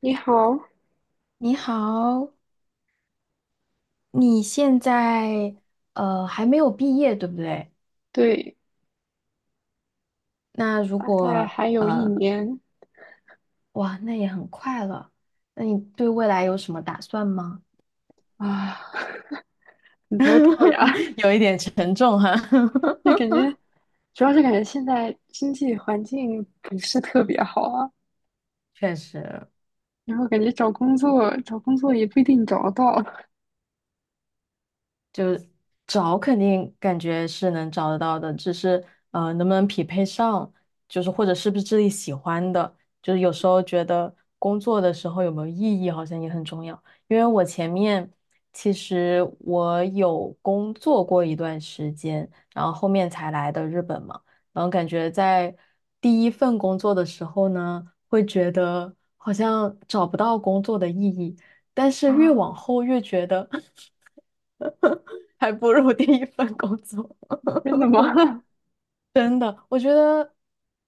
你好，你好，你现在还没有毕业，对不对？对，那如大概果还有一年哇，那也很快了。那你对未来有什么打算吗？啊，很头痛呀。有一点沉重哈，就感觉，主要是感觉现在经济环境不是特别好啊，确实。然后感觉找工作也不一定找得到就找肯定感觉是能找得到的，只是能不能匹配上，就是或者是不是自己喜欢的，就是有时候觉得工作的时候有没有意义好像也很重要。因为我前面其实我有工作过一段时间，然后后面才来的日本嘛，然后感觉在第一份工作的时候呢，会觉得好像找不到工作的意义，但啊。是越往后越觉得。还不如 第一份工作。真的吗？真的，我觉得，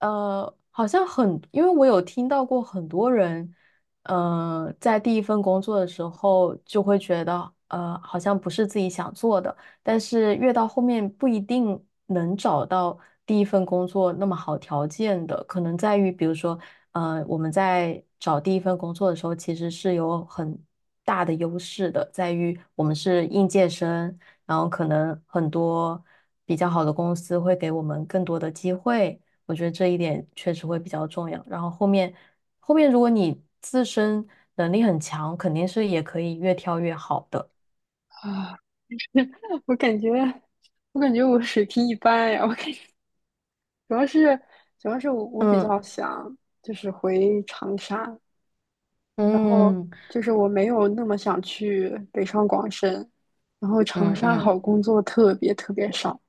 好像很，因为我有听到过很多人，在第一份工作的时候就会觉得，好像不是自己想做的，但是越到后面不一定能找到第一份工作那么好条件的，可能在于，比如说，我们在找第一份工作的时候，其实是有很大的优势的，在于我们是应届生。然后可能很多比较好的公司会给我们更多的机会，我觉得这一点确实会比较重要。然后后面如果你自身能力很强，肯定是也可以越跳越好的。啊，我感觉，我感觉我水平一般呀。我感觉主要是，主要是我比较嗯想就是回长沙，然后嗯就是我没有那么想去北上广深，然后长嗯沙嗯好工作特别特别少。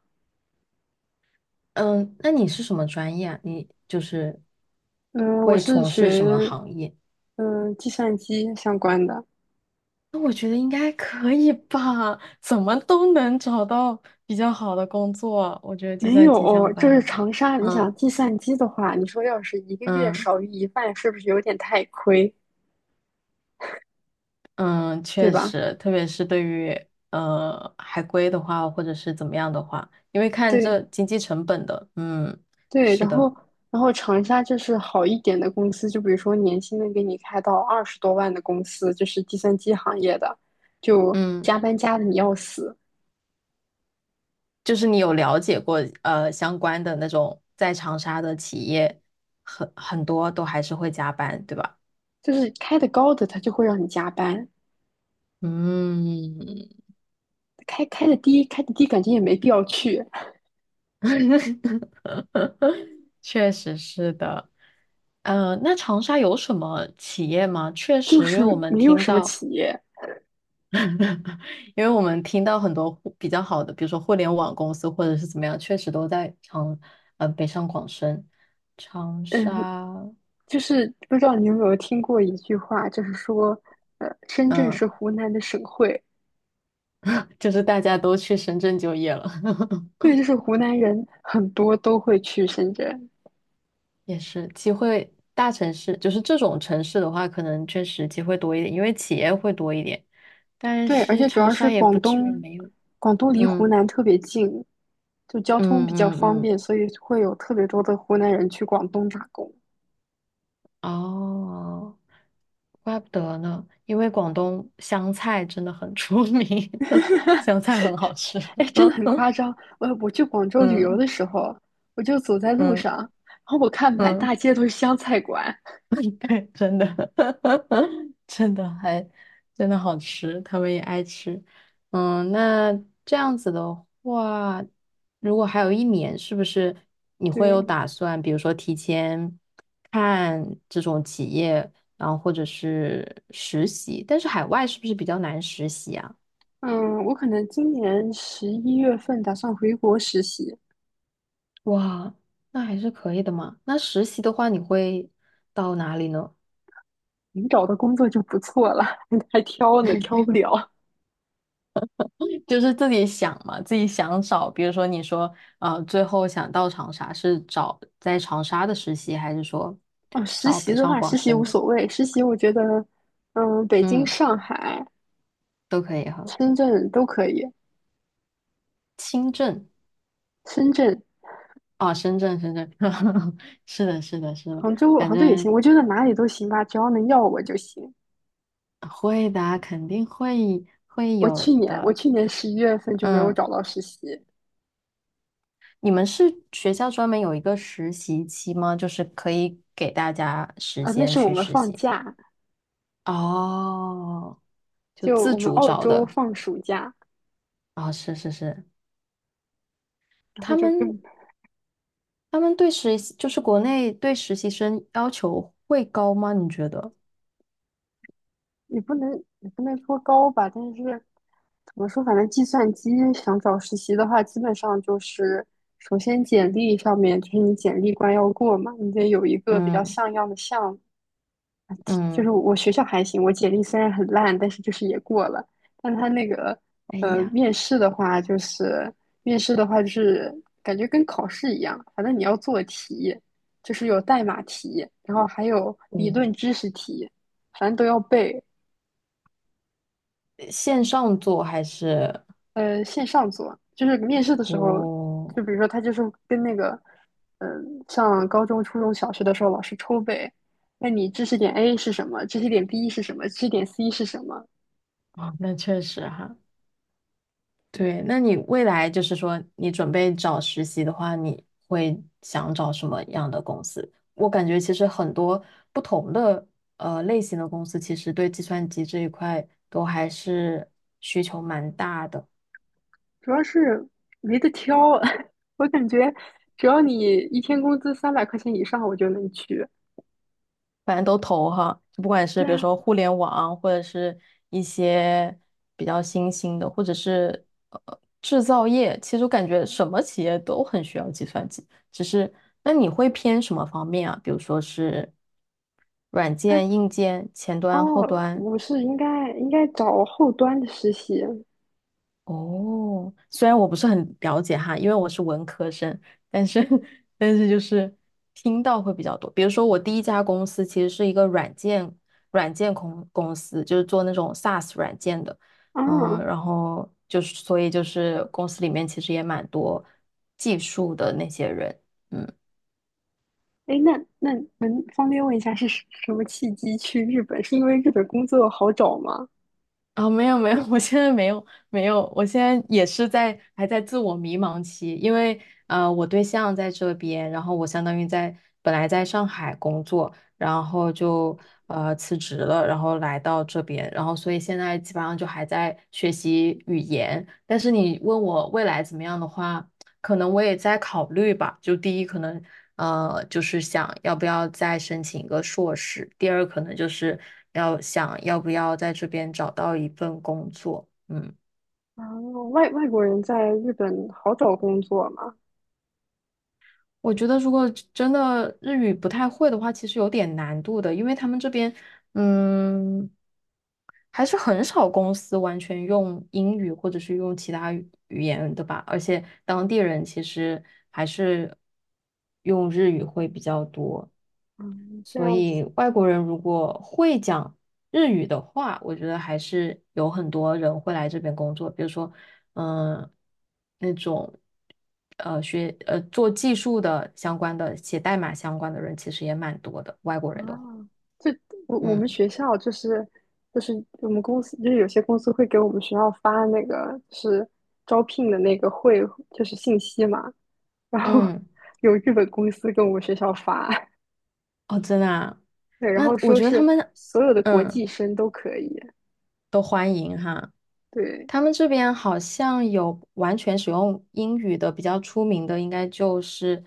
嗯，那你是什么专业啊？你就是嗯、我会是从事什么学行业？计算机相关的，那我觉得应该可以吧，怎么都能找到比较好的工作。我觉得计没算机有，相就关是的话，长沙。你想嗯计算机的话，你说要是1个月嗯。少于一半，是不是有点太亏，嗯，对确吧？实，特别是对于海归的话，或者是怎么样的话，因为看这对经济成本的，嗯，对，是然后的，然后长沙就是好一点的公司，就比如说年薪能给你开到20多万的公司，就是计算机行业的，就嗯，加班加的你要死。就是你有了解过相关的那种在长沙的企业，很多都还是会加班，对吧？就是开的高的，他就会让你加班；嗯，开的低感觉也没必要去，确实是的。呃，那长沙有什么企业吗？确就实，因是为我们没有听什么到。企业。因为我们听到很多比较好的，比如说互联网公司或者是怎么样，确实都在呃北上广深、长嗯，沙，就是不知道你有没有听过一句话，就是说，深圳是嗯，湖南的省会，就是大家都去深圳就业了，对，就是湖南人很多都会去深圳，也是机会。大城市就是这种城市的话，可能确实机会多一点，因为企业会多一点。但对，而是且主长要是沙也广不至于东，没有。广东离湖嗯南特别近，就交通嗯比较嗯方嗯，便，所以会有特别多的湖南人去广东打工。哦，怪不得呢，因为广东香菜真的很出名，香菜很好吃。哎，真的很夸 张。我去广州旅游的时候，我就走在路嗯上，然后我看满嗯大嗯。街都是湘菜馆。对，真的，真的还真的好吃，他们也爱吃。嗯，那这样子的话，如果还有1年，是不是你会有对，打算，比如说提前看这种企业，然后或者是实习？但是海外是不是比较难实习啊？嗯，我可能今年十一月份打算回国实习，哇，那还是可以的嘛。那实习的话，你会到哪里呢？能找到工作就不错了，还挑呢，挑不了。就是自己想嘛，自己想找，比如说你说，最后想到长沙是找在长沙的实习，还是说哦，实找习北的上话，广实习无深的？所谓，实习我觉得，北京、嗯，上海、都可以哈。深圳都可以，深圳深圳、啊，深圳，深圳，是的，是的，是的，杭州、反杭州也行，正我觉得哪里都行吧，只要能要我就行。会的啊肯定会我有去年，我的。去年十一月份就没有嗯，找到实习，你们是学校专门有一个实习期吗？就是可以给大家时啊，那间是我去们实放习。假，哦，就就自我们主澳找洲的。放暑假，啊、是是是，然后他就们跟他们对实习就是国内对实习生要求会高吗？你觉得？也不能也不能说高吧，但是怎么说，反正计算机想找实习的话，基本上就是首先简历上面就是你简历关要过嘛，你得有一个比较嗯像样的项目，就是嗯，我学校还行，我简历虽然很烂，但是就是也过了。但他那个哎呃呀，面试的话，就是面试的话就是感觉跟考试一样，反正你要做题，就是有代码题，然后还有理论嗯，知识题，反正都要背。线上做还是线上做，就是面试的时候，哦就比如说他就是跟那个嗯、呃上高中、初中小学的时候老师抽背，问你知识点 A 是什么，知识点 B 是什么，知识点 C 是什么。啊、那确实哈。对，那你未来就是说，你准备找实习的话，你会想找什么样的公司？我感觉其实很多不同的类型的公司，其实对计算机这一块都还是需求蛮大的。主要是没得挑，我感觉只要你1天工资300块钱以上，我就能去。反正都投哈，就不管是对比如啊，说互联网，或者是一些比较新兴的，或者是制造业，其实我感觉什么企业都很需要计算机。只是那你会偏什么方面啊？比如说是软哎，件、硬件、前端、后哦，端，我是应该找后端的实习啊。哦，虽然我不是很了解哈，因为我是文科生，但是 但是就是听到会比较多。比如说我第一家公司其实是一个软件公公司，就是做那种 SaaS 软件的，嗯，然后就是所以就是公司里面其实也蛮多技术的那些人，嗯。哎，那能方便问一下是什么契机去日本？是因为日本工作好找吗？啊、没有没有，我现在没有没有，我现在也是在还在自我迷茫期，因为我对象在这边，然后我相当于在本来在上海工作，然后就辞职了，然后来到这边，然后所以现在基本上就还在学习语言。但是你问我未来怎么样的话，可能我也在考虑吧。就第一，可能就是想要不要再申请一个硕士；第二，可能就是想要不要在这边找到一份工作。嗯，啊，外国人在日本好找工作吗？我觉得如果真的日语不太会的话，其实有点难度的，因为他们这边嗯还是很少公司完全用英语或者是用其他语言的吧，而且当地人其实还是用日语会比较多。嗯，这所样以子。外国人如果会讲日语的话，我觉得还是有很多人会来这边工作。比如说，嗯，那种学做技术的相关的、写代码相关的人，其实也蛮多的。外国啊，人的话，就我们嗯学校就是我们公司就是有些公司会给我们学校发那个就是招聘的那个会就是信息嘛，然后嗯，有日本公司跟我们学校发，哦，真的啊，对，然那后我说觉得他是们所有的国际嗯生都可以，都欢迎哈。对他们这边好像有完全使用英语的，比较出名的应该就是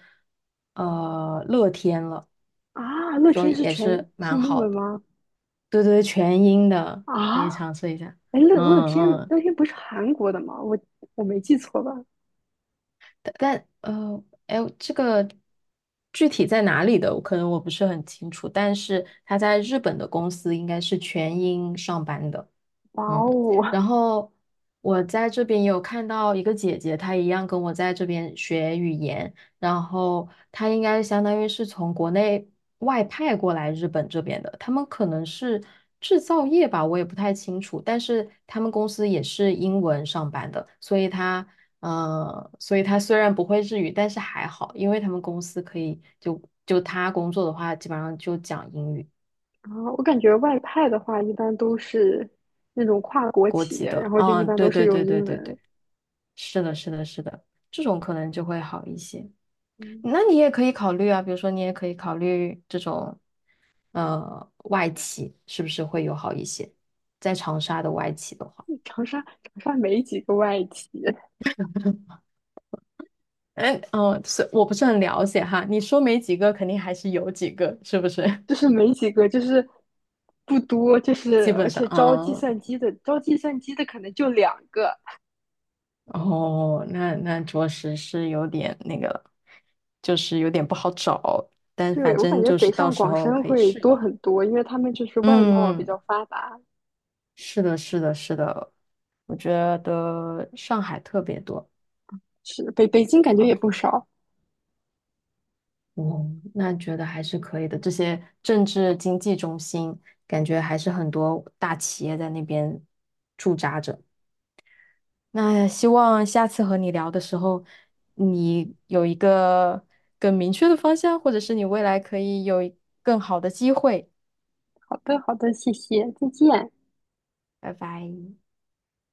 乐天了。啊，乐就天是也全是是蛮英好文的。吗？对对，全音的可以啊，尝试一下。哎，乐乐嗯天嗯乐天不是韩国的吗？我没记错吧？但哎，这个具体在哪里的，我可能我不是很清楚，但是他在日本的公司应该是全英上班的，哇嗯，哦，然后我在这边有看到一个姐姐，她一样跟我在这边学语言，然后她应该相当于是从国内外派过来日本这边的，他们可能是制造业吧，我也不太清楚，但是他们公司也是英文上班的，所以她。嗯，所以他虽然不会日语，但是还好，因为他们公司可以就他工作的话，基本上就讲英语，啊，我感觉外派的话，一般都是那种跨国国企籍业，然的。后就一嗯，般都对是对用对对英对文。对，是的，是的，是的，这种可能就会好一些。嗯，那你也可以考虑啊，比如说你也可以考虑这种外企，是不是会友好一些？在长沙的外企的话，长沙没几个外企，哎，嗯，是我不是很了解哈，你说没几个，肯定还是有几个，是不是？就是没几个，就是不多，就 是基本而上，且招计算嗯。机的，招计算机的可能就2个。哦，那着实是有点那个就是有点不好找，但对，反我感正觉就北是到上时广候深可以会试一多试。很多，因为他们就是外贸比嗯，较发达。是的，是的，是的，我觉得上海特别多。是，北京感觉好，也不少。哦，那觉得还是可以的。这些政治经济中心，感觉还是很多大企业在那边驻扎着。那希望下次和你聊的时候，你有一个更明确的方向，或者是你未来可以有一更好的机会。好的，好的，谢谢，再见。拜拜。